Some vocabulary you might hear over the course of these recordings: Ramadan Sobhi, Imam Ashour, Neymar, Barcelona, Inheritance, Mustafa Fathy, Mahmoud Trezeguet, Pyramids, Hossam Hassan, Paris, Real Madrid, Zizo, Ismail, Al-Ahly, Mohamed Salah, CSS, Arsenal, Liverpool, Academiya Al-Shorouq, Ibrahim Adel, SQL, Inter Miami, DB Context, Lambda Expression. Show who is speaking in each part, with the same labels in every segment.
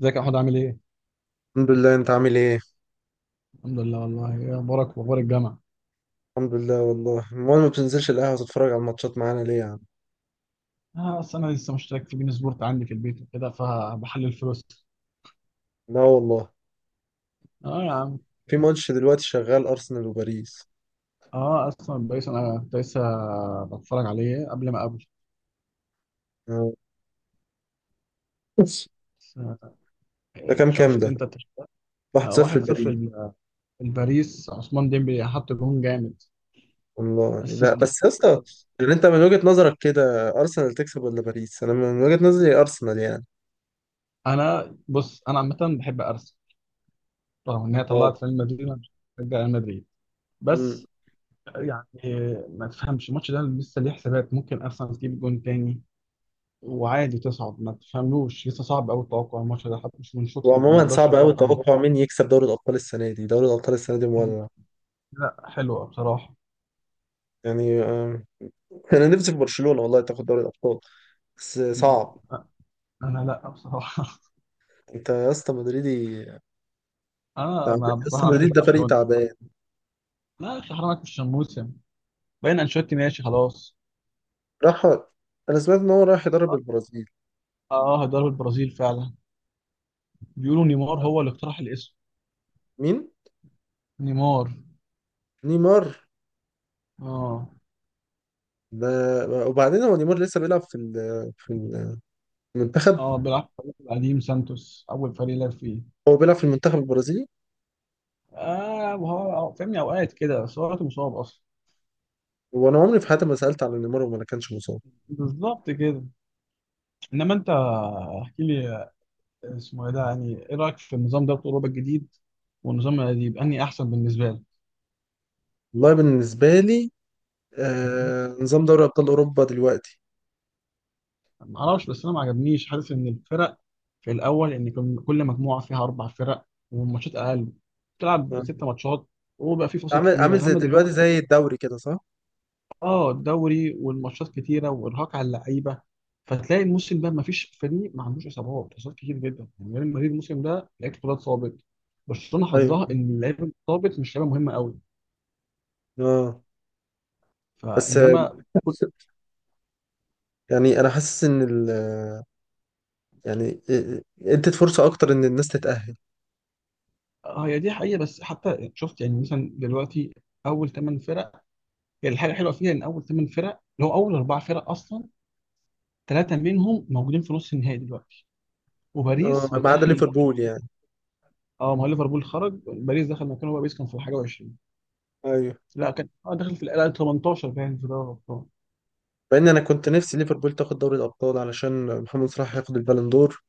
Speaker 1: ازيك يا احمد، عامل ايه؟
Speaker 2: الحمد لله. انت عامل ايه؟
Speaker 1: الحمد لله والله، ايه اخبارك واخبار الجامعه؟
Speaker 2: الحمد لله والله. امال ما بتنزلش القهوه تتفرج على الماتشات معانا ليه يا عم؟
Speaker 1: اه، اصل انا لسه مشترك في بين سبورت عندي في البيت وكده فبحلل فلوس.
Speaker 2: لا والله.
Speaker 1: اه يا عم.
Speaker 2: في ماتش دلوقتي شغال ارسنال وباريس.
Speaker 1: اه اصلا بايس، انا كنت لسه بتفرج عليه قبل ما اقابله.
Speaker 2: اه.
Speaker 1: بس،
Speaker 2: ده كام
Speaker 1: شفت
Speaker 2: ده؟
Speaker 1: انت
Speaker 2: 1-0
Speaker 1: واحد صفر
Speaker 2: باريس.
Speaker 1: الباريس، عثمان ديمبلي حط جون جامد،
Speaker 2: والله لا
Speaker 1: اسيست.
Speaker 2: بس يا اسطى، يعني انت من وجهة نظرك كده ارسنال تكسب ولا باريس؟ انا من وجهة نظري ارسنال يعني.
Speaker 1: انا بص، انا عامه بحب ارسنال، رغم ان هي
Speaker 2: اه.
Speaker 1: طلعت ريال مدريد، انا مش بشجع ريال مدريد
Speaker 2: امم.
Speaker 1: بس. يعني ما تفهمش الماتش ده لسه ليه حسابات، ممكن ارسنال تجيب جون تاني وعادي تصعد، ما تفهملوش لسه، صعب قوي التوقع الماتش ده، حتى مش من شوط، ما
Speaker 2: وعموما
Speaker 1: اقدرش
Speaker 2: صعب قوي
Speaker 1: اتوقع من
Speaker 2: التوقع مين يكسب دوري الابطال السنه دي، دوري الابطال السنه دي مولع
Speaker 1: لا، حلوه بصراحه.
Speaker 2: يعني. انا نفسي في برشلونه والله تاخد دوري الابطال، بس صعب.
Speaker 1: أ- انا لا بصراحه
Speaker 2: انت يا اسطى مدريدي؟
Speaker 1: انا
Speaker 2: تعبان،
Speaker 1: ما بصراحه
Speaker 2: اصل
Speaker 1: ما بحبش
Speaker 2: مدريد ده فريق
Speaker 1: برشلونه.
Speaker 2: تعبان
Speaker 1: لا يا اخي حرام عليك، مش شموسه. باين انشيلوتي ماشي خلاص.
Speaker 2: راح. انا سمعت ان هو رايح يدرب
Speaker 1: اه،
Speaker 2: البرازيل.
Speaker 1: هيدرب البرازيل فعلا. بيقولوا نيمار هو اللي اقترح الاسم.
Speaker 2: مين؟
Speaker 1: نيمار.
Speaker 2: نيمار
Speaker 1: اه.
Speaker 2: ده؟ وبعدين هو نيمار لسه بيلعب في المنتخب؟
Speaker 1: اه، بيلعب في الفريق القديم سانتوس، اول فريق لعب فيه.
Speaker 2: هو بيلعب في المنتخب البرازيلي؟
Speaker 1: اه، وهو فاهمني اوقات كده، بس هو دلوقتي مصاب اصلا.
Speaker 2: وانا عمري في حياتي ما سالت على نيمار وما كانش مصاب.
Speaker 1: بالظبط كده. انما انت، احكي لي، اسمه ايه ده، يعني ايه رايك في النظام ده بتاع اوروبا الجديد والنظام القديم، انهي احسن بالنسبه لك؟
Speaker 2: والله بالنسبه لي،
Speaker 1: مم.
Speaker 2: آه، نظام دوري ابطال اوروبا دلوقتي،
Speaker 1: ما اعرفش، بس انا ما عجبنيش، حاسس ان الفرق في الاول ان كان كل مجموعه فيها اربع فرق، والماتشات اقل، بتلعب
Speaker 2: آه،
Speaker 1: ست ماتشات، وبقى في فاصل
Speaker 2: عامل
Speaker 1: كبيره.
Speaker 2: زي
Speaker 1: انما
Speaker 2: دلوقتي
Speaker 1: دلوقتي
Speaker 2: زي الدوري كده صح؟
Speaker 1: اه الدوري والماتشات كتيره وارهاق على اللعيبه، فتلاقي الموسم ده ما فيش فريق ما عندوش اصابات، اصابات كتير جدا. يعني ريال مدريد الموسم ده لعيبه كلها اتصابت، برشلونه
Speaker 2: ايوه.
Speaker 1: حظها ان اللعيبه اللي اتصابت مش لعيبه مهمه قوي
Speaker 2: اه. بس،
Speaker 1: فانما.
Speaker 2: يعني انا حاسس ان ال... يعني ادت فرصه اكتر ان الناس تتاهل.
Speaker 1: اه هي دي حقيقة، بس حتى شفت يعني مثلا دلوقتي، أول ثمان فرق، هي الحاجة الحلوة فيها إن أول ثمان فرق اللي هو أول أربع فرق أصلا، ثلاثة منهم موجودين في نص النهائي دلوقتي
Speaker 2: اه،
Speaker 1: وباريس
Speaker 2: ما عدا
Speaker 1: متأهل.
Speaker 2: ليفربول يعني.
Speaker 1: اه، ما هو ليفربول خرج، باريس دخل مكانه، بقى باريس كان في الحاجة 20،
Speaker 2: ايوه.
Speaker 1: لا كان اه دخل في الآن 18، باين في دوري الأبطال.
Speaker 2: مع ان انا كنت نفسي ليفربول تاخد دوري الابطال علشان محمد صلاح ياخد البالون دور.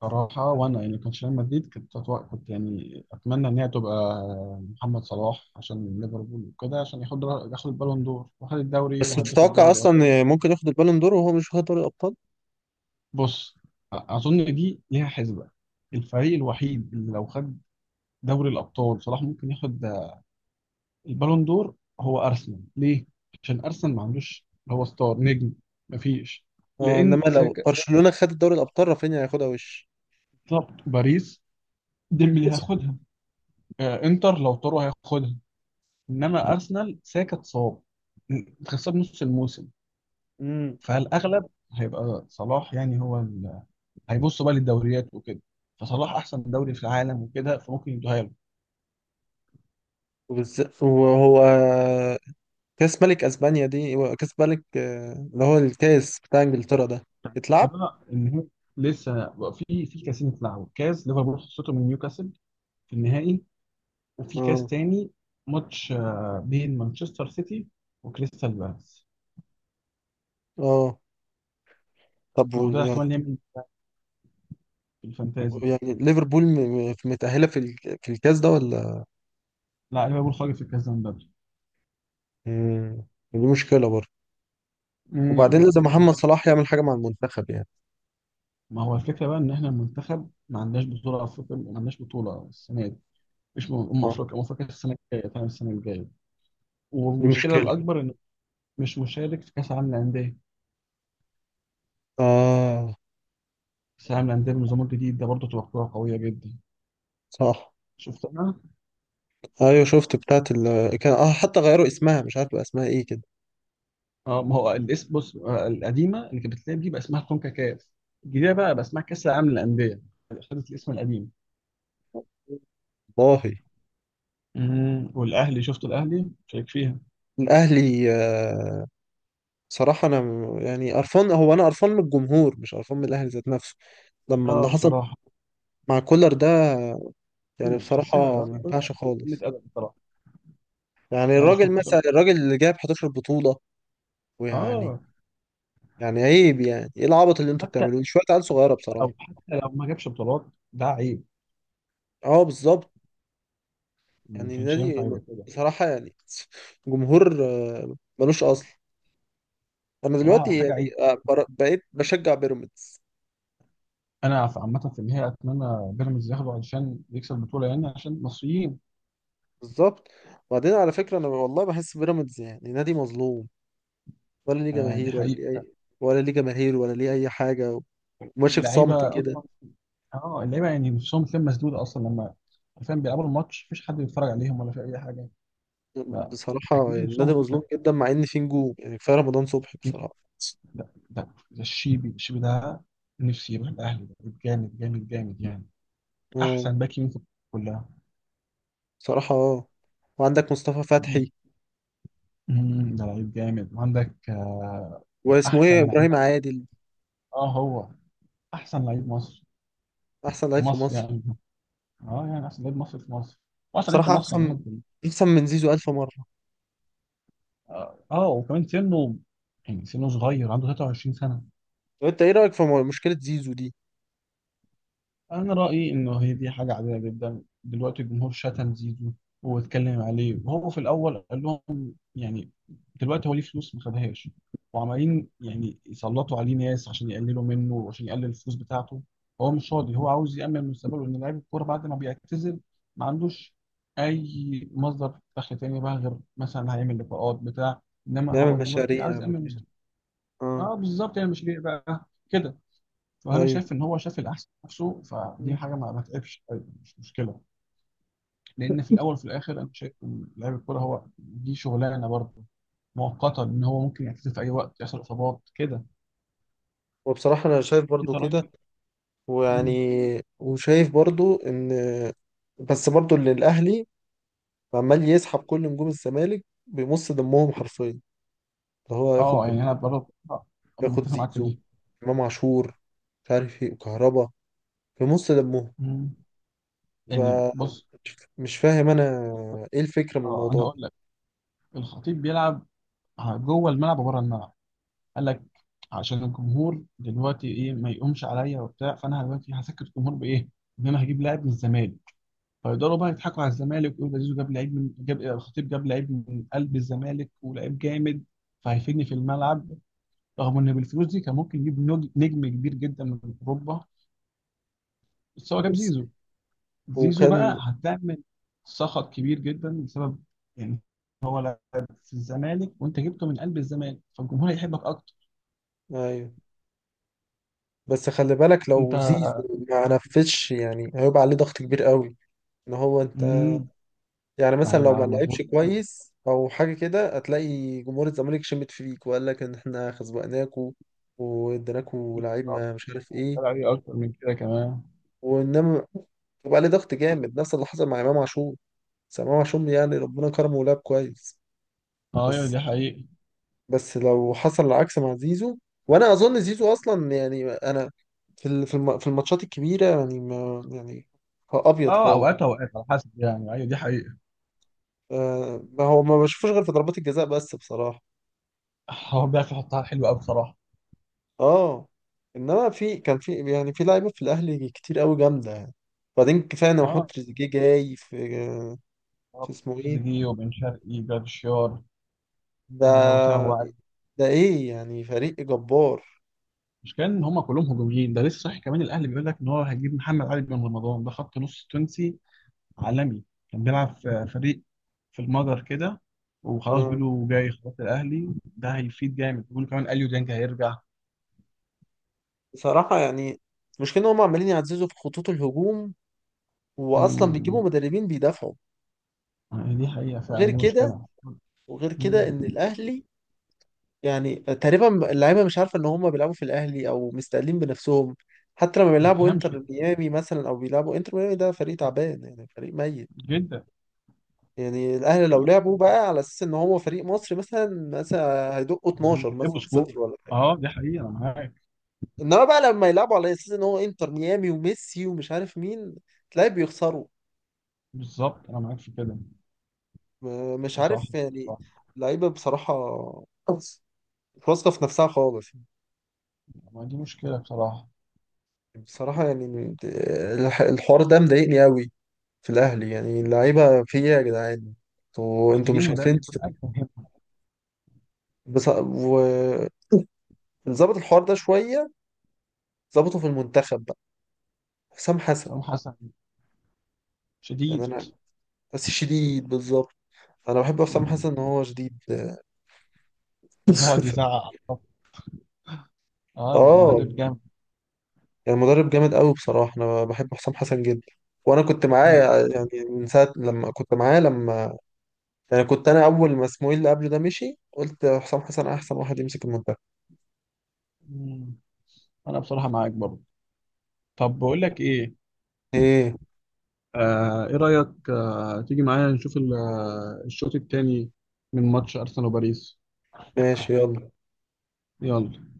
Speaker 1: صراحة وأنا يعني كان ريال مدريد، كنت أتوقع، كنت يعني أتمنى إن هي تبقى محمد صلاح عشان ليفربول وكده، عشان ياخد البالون دور، وخد الدوري،
Speaker 2: بس
Speaker 1: وهداف
Speaker 2: تتوقع
Speaker 1: الدوري.
Speaker 2: اصلا ممكن ياخد البالون دور وهو مش واخد دوري الابطال؟
Speaker 1: بص، اظن دي ليها حسبه، الفريق الوحيد اللي لو خد دوري الابطال صلاح ممكن ياخد البالون دور، هو ارسنال. ليه؟ عشان ارسنال ما عندوش اللي هو ستار نجم، مفيش،
Speaker 2: آه. انما
Speaker 1: لان
Speaker 2: لو
Speaker 1: ساكا.
Speaker 2: برشلونة خد الدوري الابطال رافينيا هياخدها وش.
Speaker 1: بالظبط، باريس ديمبلي هياخدها، انتر لو طاروا هياخدها، انما ارسنال ساكا اتصاب، خسر نص الموسم،
Speaker 2: امم.
Speaker 1: فالاغلب هيبقى صلاح، يعني هو هيبص بقى للدوريات وكده، فصلاح احسن دوري في العالم وكده، فممكن يدوها له.
Speaker 2: وبالذات وهو كاس ملك اسبانيا، دي كاس ملك، اللي هو الكاس بتاع انجلترا ده يتلعب.
Speaker 1: لا، النهائي لسه، بقى في كاسين اتلعبوا، كاس ليفربول خسرته من نيوكاسل في النهائي، وفي كاس
Speaker 2: اه.
Speaker 1: تاني، ماتش بين مانشستر سيتي وكريستال بالاس،
Speaker 2: اه. طب
Speaker 1: وده
Speaker 2: يعني،
Speaker 1: احتمال يعمل إيه في الفانتازي.
Speaker 2: يعني ليفربول متأهلة في الكاس ده ولا؟
Speaker 1: لا ليفربول خرج في الكاس ده من بدري.
Speaker 2: مم. دي مشكلة برضه. وبعدين لازم
Speaker 1: مش
Speaker 2: محمد
Speaker 1: عارف.
Speaker 2: صلاح يعمل حاجة مع المنتخب يعني.
Speaker 1: ما هو الفكره بقى ان احنا المنتخب ما عندناش بطوله افريقيا، ما عندناش بطوله السنه دي، مش ام
Speaker 2: اه.
Speaker 1: افريقيا، ام افريقيا السنه الجايه، فاهم السنه الجايه.
Speaker 2: دي
Speaker 1: والمشكله
Speaker 2: مشكلة.
Speaker 1: الاكبر انه مش مشارك في كاس العالم للانديه،
Speaker 2: اه.
Speaker 1: كاس العالم للانديه بالنظام الجديد ده برضه تبقى بطوله قويه جدا.
Speaker 2: صح.
Speaker 1: شفت؟
Speaker 2: ايوه شفت بتاعت ال كان، اه، حتى غيروا اسمها مش عارف بقى اسمها ايه كده.
Speaker 1: اه ما هو الاسم، بص، القديمه اللي كانت بتتلعب دي بقى اسمها كونكاكاف، الجديده بقى اسمها كاس العالم للانديه، خدت الاسم القديم.
Speaker 2: والله.
Speaker 1: والاهلي شفت الاهلي شارك فيها.
Speaker 2: الاهلي، آه، صراحة انا يعني قرفان، هو انا قرفان من الجمهور مش قرفان من الاهلي ذات نفسه، لما اللي
Speaker 1: اه
Speaker 2: حصل
Speaker 1: بصراحه.
Speaker 2: مع كولر ده. يعني
Speaker 1: أنا حسيتك
Speaker 2: بصراحة
Speaker 1: اه
Speaker 2: ما
Speaker 1: قلة
Speaker 2: ينفعش خالص.
Speaker 1: ادب بصراحه.
Speaker 2: يعني
Speaker 1: انا مش
Speaker 2: الراجل
Speaker 1: متفق
Speaker 2: مثلا،
Speaker 1: معاك.
Speaker 2: الراجل اللي جاب 11 بطولة، ويعني،
Speaker 1: اه،
Speaker 2: يعني عيب. يعني ايه العبط اللي انتوا
Speaker 1: حتى
Speaker 2: بتعملوه؟ شوية
Speaker 1: حتى
Speaker 2: عيال صغيرة بصراحة.
Speaker 1: حتى لو ما جابش بطولات ده عيب،
Speaker 2: اه بالظبط.
Speaker 1: ما
Speaker 2: يعني
Speaker 1: كانش ينفع
Speaker 2: نادي،
Speaker 1: يبقى كده.
Speaker 2: بصراحة يعني، جمهور، ملوش أصل. أنا
Speaker 1: بصراحه
Speaker 2: دلوقتي
Speaker 1: حاجه عيب.
Speaker 2: يعني، بقيت بشجع بيراميدز.
Speaker 1: انا في عامه في النهايه اتمنى بيراميدز ياخده علشان يكسب البطوله، يعني عشان مصريين.
Speaker 2: بالظبط. وبعدين على فكرة أنا والله بحس بيراميدز يعني نادي مظلوم، ولا ليه
Speaker 1: آه دي
Speaker 2: جماهير ولا ليه
Speaker 1: حقيقه.
Speaker 2: أي، ولا ليه جماهير ولا ليه أي حاجة، وماشي في صمت
Speaker 1: واللعيبه
Speaker 2: كده.
Speaker 1: اصلا، اه اللعيبه يعني نفسهم بتلاقيهم مسدوده اصلا لما، فاهم، بيلعبوا الماتش مفيش حد بيتفرج عليهم ولا في اي حاجه،
Speaker 2: بصراحة
Speaker 1: فاكيد
Speaker 2: يعني
Speaker 1: نفسهم
Speaker 2: نادي مظلوم
Speaker 1: هتتشد.
Speaker 2: جدا، مع إن فيه نجوم. يعني كفاية رمضان صبحي
Speaker 1: أكيد.
Speaker 2: بصراحة.
Speaker 1: لا ده الشيبي ده، نفسي يروح الاهلي، ده لعيب جامد جامد جامد يعني،
Speaker 2: اه
Speaker 1: احسن باك يمين في الكورة كلها.
Speaker 2: بصراحة. اه. وعندك مصطفى
Speaker 1: مم.
Speaker 2: فتحي،
Speaker 1: مم، ده لعيب جامد، وعندك ده
Speaker 2: واسمه ايه،
Speaker 1: احسن لعيب.
Speaker 2: إبراهيم عادل.
Speaker 1: اه، هو احسن لعيب مصر،
Speaker 2: أحسن
Speaker 1: في
Speaker 2: لعيب في
Speaker 1: مصر
Speaker 2: مصر.
Speaker 1: يعني، اه يعني احسن لعيب مصر في مصر، واحسن لعيب في
Speaker 2: صراحة
Speaker 1: مصر عامه
Speaker 2: أحسن،
Speaker 1: كلها.
Speaker 2: أحسن من زيزو ألف مرة.
Speaker 1: اه، وكمان سنه، يعني سنه صغير، عنده 23 سنه.
Speaker 2: طب أنت إيه رأيك في مشكلة زيزو دي؟
Speaker 1: انا رايي انه هي دي حاجه عاديه جدا، دلوقتي الجمهور شتم زيزو واتكلم عليه، وهو في الاول قال لهم، يعني دلوقتي هو ليه فلوس ما خدهاش، وعمالين يعني يسلطوا عليه ناس عشان يقللوا منه وعشان يقلل الفلوس بتاعته، هو مش راضي، هو عاوز يامن مستقبله، ان لعيب الكوره بعد ما بيعتزل ما عندوش اي مصدر دخل تاني بقى، غير مثلا هيعمل لقاءات بتاع، انما
Speaker 2: يعمل
Speaker 1: هو دلوقتي
Speaker 2: مشاريع،
Speaker 1: عايز
Speaker 2: يعمل
Speaker 1: يامن
Speaker 2: كده.
Speaker 1: مستقبله.
Speaker 2: آه.
Speaker 1: اه بالظبط، يعني مش ليه بقى كده. فانا
Speaker 2: أيوه.
Speaker 1: شايف ان هو شاف الاحسن في نفسه، فدي حاجه ما تعبش. أيوة، مش مشكله. لان في الاول وفي الاخر انا شايف ان لاعب الكوره هو دي شغلانه برضه مؤقته، ان هو ممكن يعتزل في اي وقت، يحصل اصابات كده.
Speaker 2: وبصراحة أنا شايف برضو
Speaker 1: انت رايك
Speaker 2: كده.
Speaker 1: إيه؟
Speaker 2: ويعني،
Speaker 1: مم.
Speaker 2: وشايف برضو إن، بس برضو اللي الأهلي عمال يسحب كل نجوم الزمالك بيمص دمهم حرفيا. اللي هو ياخد
Speaker 1: اه
Speaker 2: بن...
Speaker 1: يعني انا برضه
Speaker 2: ياخد
Speaker 1: متفق معاك في
Speaker 2: زيزو،
Speaker 1: دي.
Speaker 2: إمام عاشور، مش عارف إيه، وكهربا، بيمص دمهم.
Speaker 1: مم.
Speaker 2: ف،
Speaker 1: يعني بص،
Speaker 2: مش فاهم أنا إيه الفكرة من
Speaker 1: اه انا
Speaker 2: الموضوع ده.
Speaker 1: هقول لك، الخطيب بيلعب جوه الملعب وبره الملعب، قال لك عشان الجمهور دلوقتي ايه ما يقومش عليا وبتاع، فانا دلوقتي هسكت الجمهور بايه؟ ان انا هجيب لاعب من الزمالك فيقدروا بقى يضحكوا على الزمالك ويقولوا ده زيزو جاب لعيب من جاب الخطيب جاب لعيب من قلب الزمالك، ولعيب جامد، فهيفيدني في الملعب، رغم ان بالفلوس دي كان ممكن يجيب نجم كبير جدا من اوروبا، بس هو جاب زيزو. زيزو بقى
Speaker 2: وكان.
Speaker 1: هتعمل سخط كبير جدا بسبب يعني في الزمالك، وانت جبته من قلب الزمالك، فالجمهور هيحبك اكتر.
Speaker 2: أيوه. بس خلي بالك،
Speaker 1: انت
Speaker 2: لو زيزو ما نفذش يعني هيبقى عليه ضغط كبير قوي، ان هو انت،
Speaker 1: مم،
Speaker 2: يعني
Speaker 1: ده
Speaker 2: مثلا لو ما
Speaker 1: هيبقى
Speaker 2: لعبش
Speaker 1: مضغوط جامد،
Speaker 2: كويس او حاجه كده هتلاقي جمهور الزمالك شمت فيك، وقال لك ان احنا خزوقناكوا واديناكوا لعيب، ما مش عارف ايه.
Speaker 1: هتطلع عليه اكتر من كده كمان.
Speaker 2: وانما يبقى عليه ضغط جامد، نفس اللي حصل مع امام عاشور. بس امام عاشور يعني ربنا كرمه ولعب كويس.
Speaker 1: اه ايوه
Speaker 2: بس،
Speaker 1: دي حقيقة.
Speaker 2: بس لو حصل العكس مع زيزو. وانا اظن زيزو اصلا يعني انا، في الماتشات الكبيره يعني، ما يعني، هو ابيض
Speaker 1: اه
Speaker 2: خالص.
Speaker 1: اوقات على حسب، يعني ايوه دي حقيقة.
Speaker 2: آه، ما هو ما بشوفوش غير في ضربات الجزاء بس بصراحه.
Speaker 1: هو بيعرف يحطها حلوة أوي بصراحة.
Speaker 2: اه. انما في يعني في لعيبه في الاهلي كتير قوي جامده يعني. وبعدين كفايه ان محمود
Speaker 1: اه،
Speaker 2: تريزيجيه جاي في، في اسمه ايه،
Speaker 1: تريزيجيه وبن شرقي جراديشار، آه وسام أبو
Speaker 2: ده،
Speaker 1: علي.
Speaker 2: ده ايه يعني، فريق جبار.
Speaker 1: المشكلة إن هما كلهم هجوميين، ده لسه صحيح كمان الأهلي بيقول لك إن هو هيجيب محمد علي بن رمضان، ده خط نص تونسي عالمي، كان بيلعب في فريق في المجر كده، وخلاص
Speaker 2: آه.
Speaker 1: بيقولوا جاي، خلاص الأهلي ده هيفيد جامد، بيقولوا كمان أليو ديانج هيرجع.
Speaker 2: بصراحه يعني، المشكله ان هم عمالين يعززوا في خطوط الهجوم، واصلا
Speaker 1: مم.
Speaker 2: بيجيبوا مدربين بيدافعوا.
Speaker 1: دي حقيقة فعلا،
Speaker 2: وغير
Speaker 1: دي
Speaker 2: كده،
Speaker 1: مشكلة.
Speaker 2: وغير
Speaker 1: مم.
Speaker 2: كده ان الاهلي يعني تقريبا اللعيبه مش عارفه ان هم بيلعبوا في الاهلي او مستقلين بنفسهم. حتى لما
Speaker 1: ما
Speaker 2: بيلعبوا
Speaker 1: تفهمش
Speaker 2: انتر ميامي مثلا، او بيلعبوا انتر ميامي، ده فريق تعبان يعني فريق ميت.
Speaker 1: جدا.
Speaker 2: يعني الاهلي لو لعبوا بقى على اساس ان هو فريق مصري مثلا، مثلا هيدقوا 12
Speaker 1: يغلبوا
Speaker 2: مثلا
Speaker 1: سكور.
Speaker 2: صفر ولا حاجه.
Speaker 1: اه دي حقيقة أنا معاك.
Speaker 2: انما بقى لما يلعبوا على اساس ان هو انتر ميامي وميسي ومش عارف مين، تلاقي بيخسروا.
Speaker 1: بالظبط انا معاك في كده.
Speaker 2: مش
Speaker 1: انت صح،
Speaker 2: عارف يعني.
Speaker 1: صح.
Speaker 2: اللعيبه بصراحه مش واثقه في نفسها خالص.
Speaker 1: ما دي مشكله بصراحه.
Speaker 2: بصراحة يعني الحوار ده مضايقني قوي، في الأهلي يعني. اللعيبة في إيه يا جدعان؟ انتوا
Speaker 1: محتاجين
Speaker 2: مش عارفين
Speaker 1: مدرب بقى يفهمهم.
Speaker 2: بص... وظبط الحوار ده شوية، ظبطه في المنتخب بقى. حسام حسن.
Speaker 1: حسام حسن
Speaker 2: يعني
Speaker 1: شديد.
Speaker 2: أنا، بس شديد بالظبط. أنا بحب حسام
Speaker 1: مم.
Speaker 2: حسن إن هو شديد.
Speaker 1: يقعد يزعق. اه،
Speaker 2: آه.
Speaker 1: مدرب جامد.
Speaker 2: يعني مدرب جامد قوي. بصراحة أنا بحب حسام حسن جدا. وأنا كنت معاه، يعني من ساعة لما كنت معاه لما، يعني كنت أنا أول ما اسماعيل اللي قبله ده مشي، قلت حسام حسن أحسن واحد يمسك المنتخب.
Speaker 1: مم. انا بصراحه معاك برضه. طب بقول لك ايه،
Speaker 2: إيه؟
Speaker 1: آه ايه رايك، تيجي معايا نشوف الشوط الثاني من ماتش ارسنال وباريس.
Speaker 2: ماشي، يلا.
Speaker 1: يلا.